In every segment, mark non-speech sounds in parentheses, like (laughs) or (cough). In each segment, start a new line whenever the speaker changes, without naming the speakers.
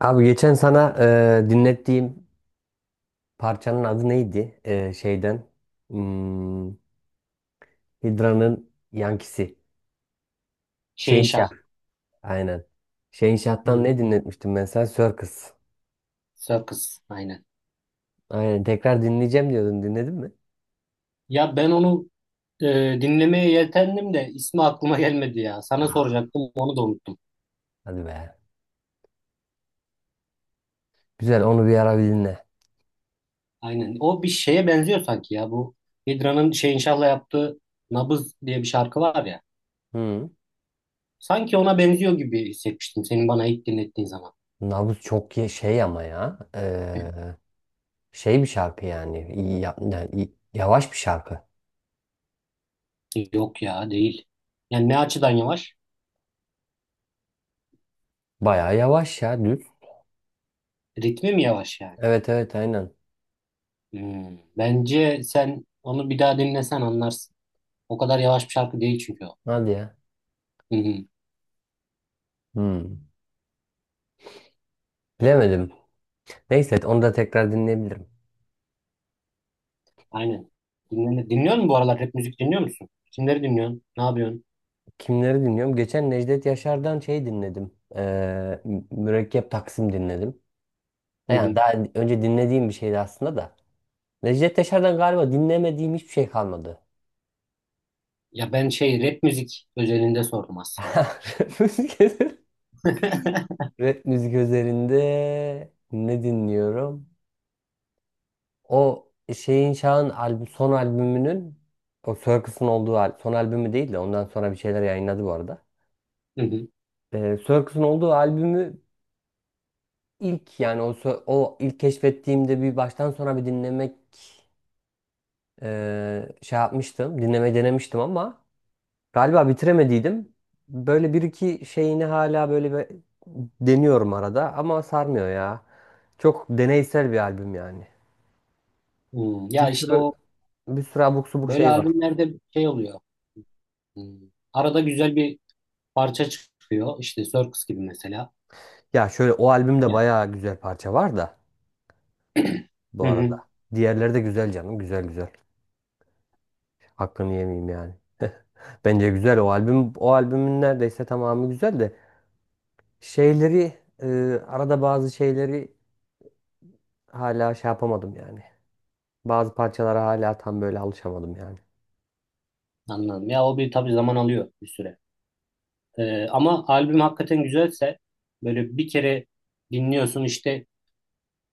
Abi geçen sana dinlettiğim parçanın adı neydi? E, şeyden. Hmm, Hidra'nın Yankisi. Şehinşah.
Şehinşah.
Aynen. Şehinşah'tan
Hı,
ne dinletmiştim ben sana? Circus.
Circus. Aynen.
Aynen. Tekrar dinleyeceğim diyordun. Dinledin mi?
Ya ben onu dinlemeye yeltendim de ismi aklıma gelmedi ya. Sana
Aa,
soracaktım onu da unuttum.
hadi be. Güzel. Onu bir ara bir dinle.
Aynen. O bir şeye benziyor sanki ya. Bu Hidra'nın Şehinşah'la yaptığı Nabız diye bir şarkı var ya.
Hı.
Sanki ona benziyor gibi hissetmiştim senin bana ilk dinlettiğin zaman.
Nabız çok ye- şey ama ya. E, şey bir şarkı yani. İyi ya- yani iyi- Yavaş bir şarkı.
Yok ya değil. Yani ne açıdan yavaş?
Bayağı yavaş ya. Düz.
Ritmi mi yavaş yani?
Evet evet aynen.
Bence sen onu bir daha dinlesen anlarsın. O kadar yavaş bir şarkı değil çünkü o.
Hadi ya.
Hı hı.
Hmm. Bilemedim. Neyse evet, onu da tekrar dinleyebilirim.
Aynen. Dinle, dinliyor musun bu aralar rap müzik dinliyor musun? Kimleri dinliyorsun? Ne yapıyorsun?
Kimleri dinliyorum? Geçen Necdet Yaşar'dan şey dinledim. Mürekkep Taksim dinledim.
Hı
Yani
hı.
daha önce dinlediğim bir şeydi aslında da. Necdet Yaşar'dan galiba dinlemediğim hiçbir şey kalmadı.
Ya ben şey rap müzik özelinde sordum aslında.
(laughs) Müzik üzerinde.
(laughs)
Rap müzik üzerinde ne dinliyorum? O şeyin Şah'ın albüm, son albümünün o Circus'un olduğu al- son albümü değil de ondan sonra bir şeyler yayınladı bu arada.
Hı hı.
Circus'un olduğu albümü ilk yani o sö- o ilk keşfettiğimde bir baştan sona bir dinlemek şey yapmıştım. Dinlemeyi denemiştim ama galiba bitiremediydim. Böyle bir iki şeyini hala böyle bir deniyorum arada ama sarmıyor ya. Çok deneysel bir albüm yani.
Hmm.
Bir
Ya işte
sürü
o
bir sürü abuk subuk
böyle
şey var.
albümlerde şey oluyor. Hmm. Arada güzel bir parça çıkıyor. İşte Circus gibi mesela.
Ya şöyle o albümde
Ya.
bayağı güzel parça var da bu
Hı hı.
arada. Diğerleri de güzel canım, güzel güzel. Hakkını yemeyeyim yani. Bence güzel o albüm. O albümün neredeyse tamamı güzel de Şeyleri e, arada bazı şeyleri hala şey yapamadım yani. Bazı parçalara hala tam böyle alışamadım yani.
Anladım. Ya o bir tabii zaman alıyor bir süre. Ama albüm hakikaten güzelse böyle bir kere dinliyorsun işte.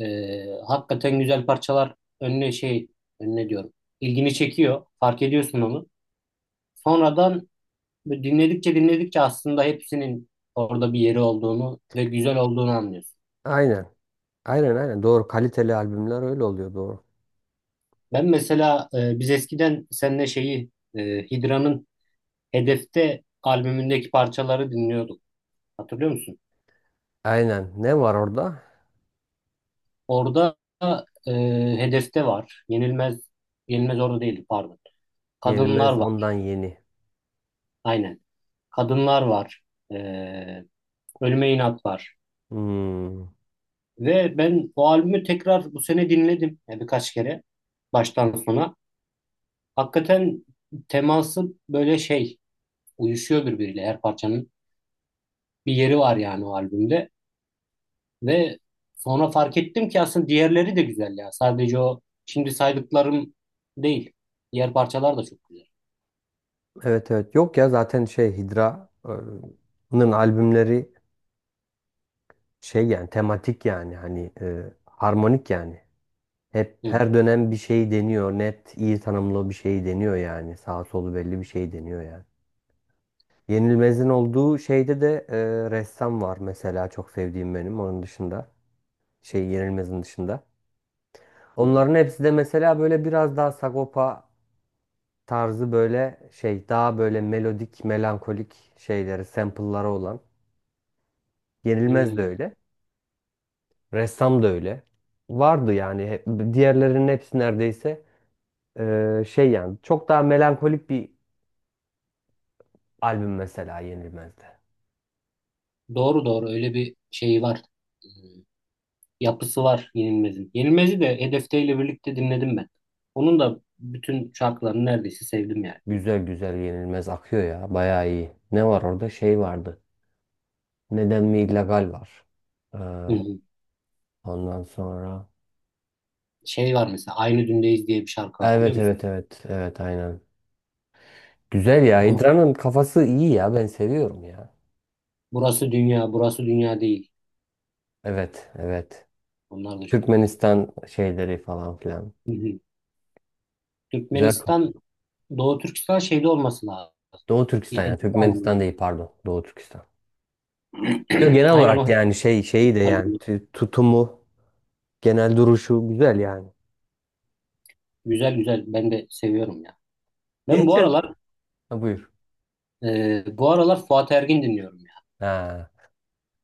Hakikaten güzel parçalar önüne şey önüne diyorum. İlgini çekiyor. Fark ediyorsun onu. Sonradan böyle dinledikçe dinledikçe aslında hepsinin orada bir yeri olduğunu ve güzel olduğunu anlıyorsun.
Aynen. Aynen aynen doğru. Kaliteli albümler öyle oluyor doğru.
Ben mesela biz eskiden seninle şeyi Hidra'nın Hedefte albümündeki parçaları dinliyorduk. Hatırlıyor musun?
Aynen. Ne var orada?
Orada e, Hedefte var. Yenilmez orada değildi, pardon. Kadınlar
Yenilmez
var.
ondan yeni.
Aynen. Kadınlar var. E, Ölüme İnat var.
Hmm.
Ve ben o albümü tekrar bu sene dinledim yani birkaç kere baştan sona. Hakikaten teması böyle şey uyuşuyor birbiriyle, her parçanın bir yeri var yani o albümde. Ve sonra fark ettim ki aslında diğerleri de güzel ya. Sadece o şimdi saydıklarım değil. Diğer parçalar da çok güzel.
Evet evet. Yok ya zaten şey Hidra'nın albümleri şey yani tematik yani hani harmonik yani. Hep
Hı hı,
her dönem bir şey deniyor. Net iyi tanımlı bir şey deniyor yani. Sağ solu belli bir şey deniyor yani. Yenilmez'in olduğu şeyde de e, Ressam var mesela çok sevdiğim benim onun dışında. Şey Yenilmez'in dışında.
hı hı.
Onların hepsi de mesela böyle biraz daha Sagopa tarzı böyle şey daha böyle melodik, melankolik şeyleri, sample'ları olan. Yenilmez de
Hmm.
öyle. Ressam da öyle. Diğerlerinin hepsi neredeyse şey yani çok daha melankolik bir albüm mesela Yenilmez'de.
Doğru doğru, öyle bir şey var. Hmm. Yapısı var Yenilmez'in. Yenilmez'i de Hedefte ile birlikte dinledim ben. Onun da bütün şarkılarını neredeyse sevdim yani.
Güzel güzel Yenilmez akıyor ya bayağı iyi. Ne var orada şey vardı. Neden mi illegal var? Ee,
Hı hı.
Ondan sonra.
Şey var mesela, Aynı Dündeyiz diye bir şarkı var, biliyor
Evet
musun?
evet evet evet aynen. Güzel ya.
Onu-
Hidra'nın kafası iyi ya. Ben seviyorum ya.
burası dünya, burası dünya değil.
Evet evet.
Onlar da çok güzel.
Türkmenistan şeyleri falan filan.
Hı hı.
Güzel kafa.
Türkmenistan, Doğu Türkistan şeyde olması lazım.
Doğu
Bir
Türkistan ya.
Hedef
Türkmenistan
albümü.
değil pardon. Doğu Türkistan. Yo,
(clears throat)
genel
Aynen o
olarak yani
Hedef
şey şeyi de yani
albümü.
tü- tutumu, genel duruşu güzel yani.
Güzel güzel, ben de seviyorum ya.
(laughs)
Ben bu
Geçen.
aralar
Ha, buyur.
bu aralar Fuat Ergin dinliyorum ya.
Ha.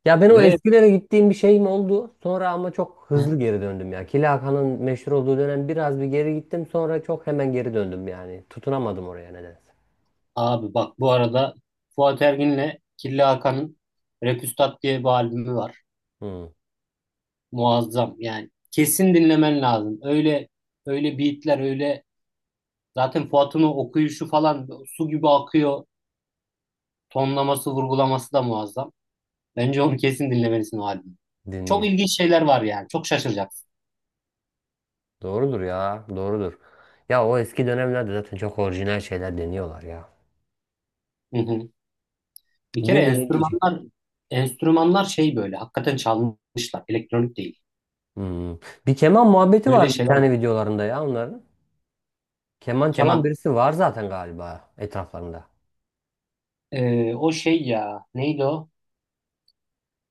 Ya ben o
Ve
eskilere gittiğim bir şeyim oldu. Sonra ama çok hızlı
(laughs)
geri döndüm ya. Killa Hakan'ın meşhur olduğu dönem biraz bir geri gittim. Sonra çok hemen geri döndüm yani. Tutunamadım oraya nedense.
abi bak bu arada, Fuat Ergin'le Kirli Hakan'ın Repüstat diye bir albümü var.
Hmm,
Muazzam yani. Kesin dinlemen lazım. Öyle öyle beatler, öyle zaten Fuat'ın o okuyuşu falan su gibi akıyor. Tonlaması, vurgulaması da muazzam. Bence onu kesin dinlemelisin, o albümü. Çok
dinleyeyim.
ilginç şeyler var yani. Çok şaşıracaksın.
Doğrudur ya. Doğrudur. Ya o eski dönemlerde zaten çok orijinal şeyler deniyorlar ya.
Hı hı. Bir kere
Bir deneyecek.
enstrümanlar şey böyle hakikaten çalmışlar. Elektronik değil.
Hmm. Bir keman muhabbeti
Böyle
var bir
şeyler var.
tane videolarında ya onların. Keman çalan
Keman.
birisi var zaten galiba etraflarında.
O şey ya neydi o?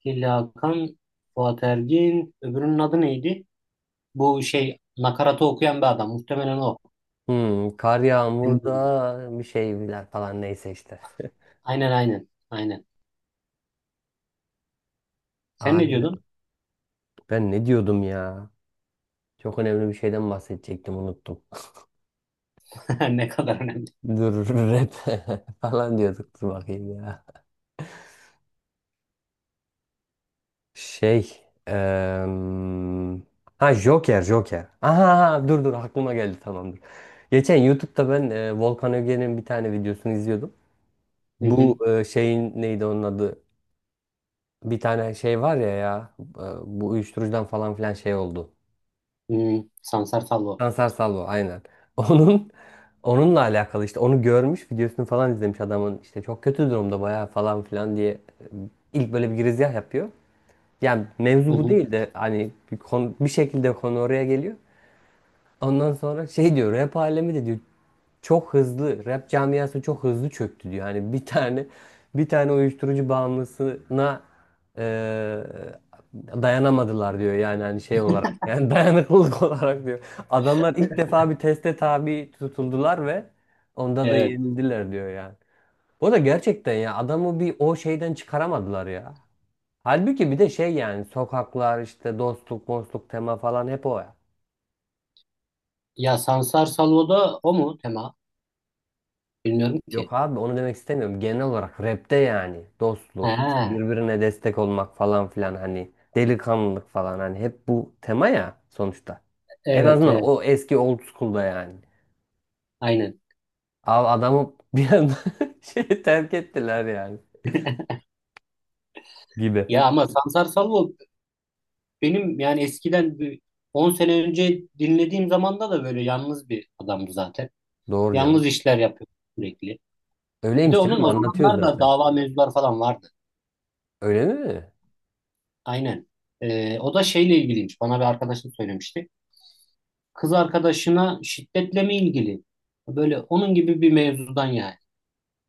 Hilli Hakan, Fuat Ergin, öbürünün adı neydi? Bu şey nakaratı okuyan bir adam. Muhtemelen o.
Hmm, kar yağmurda bir şeyler falan neyse işte.
Aynen aynen. Aynen. Sen ne diyordun?
Ben ne diyordum ya? Çok önemli bir şeyden bahsedecektim unuttum.
(laughs) Ne kadar önemli.
Dur (laughs) rap (laughs) falan diyorduk dur bakayım ya. Şey em, ha Joker Joker. Aha dur dur aklıma geldi tamamdır. Geçen YouTube'da ben Volkan Öge'nin bir tane videosunu izliyordum.
Hı
Bu
hı.
e, şeyin neydi onun adı? Bir tane şey var ya bu uyuşturucudan falan filan şey oldu.
Hı. Sansar Salvo.
Sansar Salvo aynen. (laughs) Onun Onunla alakalı işte onu görmüş videosunu falan izlemiş adamın işte çok kötü durumda bayağı falan filan diye e, ilk böyle bir girizgah yapıyor. Yani
Hı
mevzu bu
hı.
değil de hani bir, konu, bir şekilde konu oraya geliyor. Ondan sonra şey diyor rap alemi de diyor çok hızlı rap camiası çok hızlı çöktü diyor. Hani bir tane uyuşturucu bağımlısına eee, dayanamadılar diyor. Yani hani şey olarak yani (laughs) dayanıklılık olarak diyor. Adamlar ilk defa bir teste tabi tutuldular ve onda da
Evet.
yenildiler diyor yani. O da gerçekten ya adamı bir o şeyden çıkaramadılar ya. Halbuki bir de şey yani sokaklar işte dostluk, dostluk tema falan hep o.
Ya Sansar Salvo da o mu tema? Bilmiyorum ki.
Yok abi onu demek istemiyorum. Genel olarak rapte yani dostluk, işte
Ha,
birbirine destek olmak falan filan hani delikanlılık falan hani hep bu tema ya sonuçta. En
evet,
azından
evet.
o eski old school'da yani.
Aynen.
Abi adamı bir anda (laughs) şey terk ettiler yani gibi.
Ya ama Sansar Salvo benim yani eskiden, bir 10 sene önce dinlediğim zamanda da böyle yalnız bir adamdı zaten.
Doğru canım.
Yalnız işler yapıyor sürekli. Bir de
Öyleymiş
onun
canım
o
anlatıyor
zamanlar da
zaten.
dava mevzuları falan vardı.
Öyle mi?
Aynen. O da şeyle ilgiliymiş. Bana bir arkadaşım söylemişti. Kız arkadaşına şiddetle mi ilgili? Böyle onun gibi bir mevzudan yani.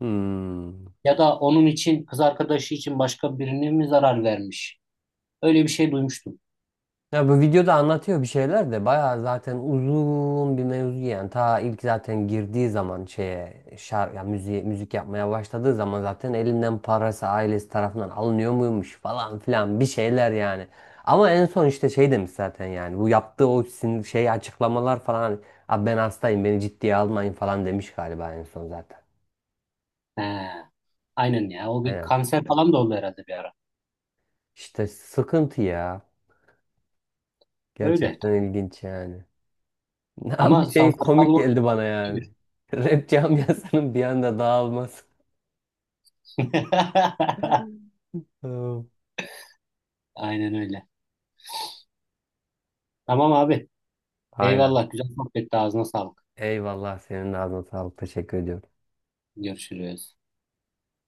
Hmm.
Ya da onun için, kız arkadaşı için başka birine mi zarar vermiş? Öyle bir şey duymuştum.
Ya bu videoda anlatıyor bir şeyler de bayağı zaten uzun bir mevzu yani ta ilk zaten girdiği zaman şeye şar ya müziğe, müzik yapmaya başladığı zaman zaten elinden parası ailesi tarafından alınıyor muymuş falan filan bir şeyler yani. Ama en son işte şey demiş zaten yani bu yaptığı şey açıklamalar falan hani, abi ben hastayım beni ciddiye almayın falan demiş galiba en son zaten.
He, aynen ya. O bir
Aynen.
kanser falan da oldu herhalde bir ara.
İşte sıkıntı ya.
Öyle
Gerçekten
tabii.
ilginç yani. (laughs) Ama
Ama
şey komik
sansasyonlu
geldi bana yani.
iyidir.
Rap camiasının bir anda dağılması.
(laughs)
Hmm.
Aynen öyle. Tamam abi.
Aynen.
Eyvallah. Güzel sohbetti. Ağzına sağlık.
Eyvallah senin de ağzına sağlık. Teşekkür ediyorum.
Görüşürüz.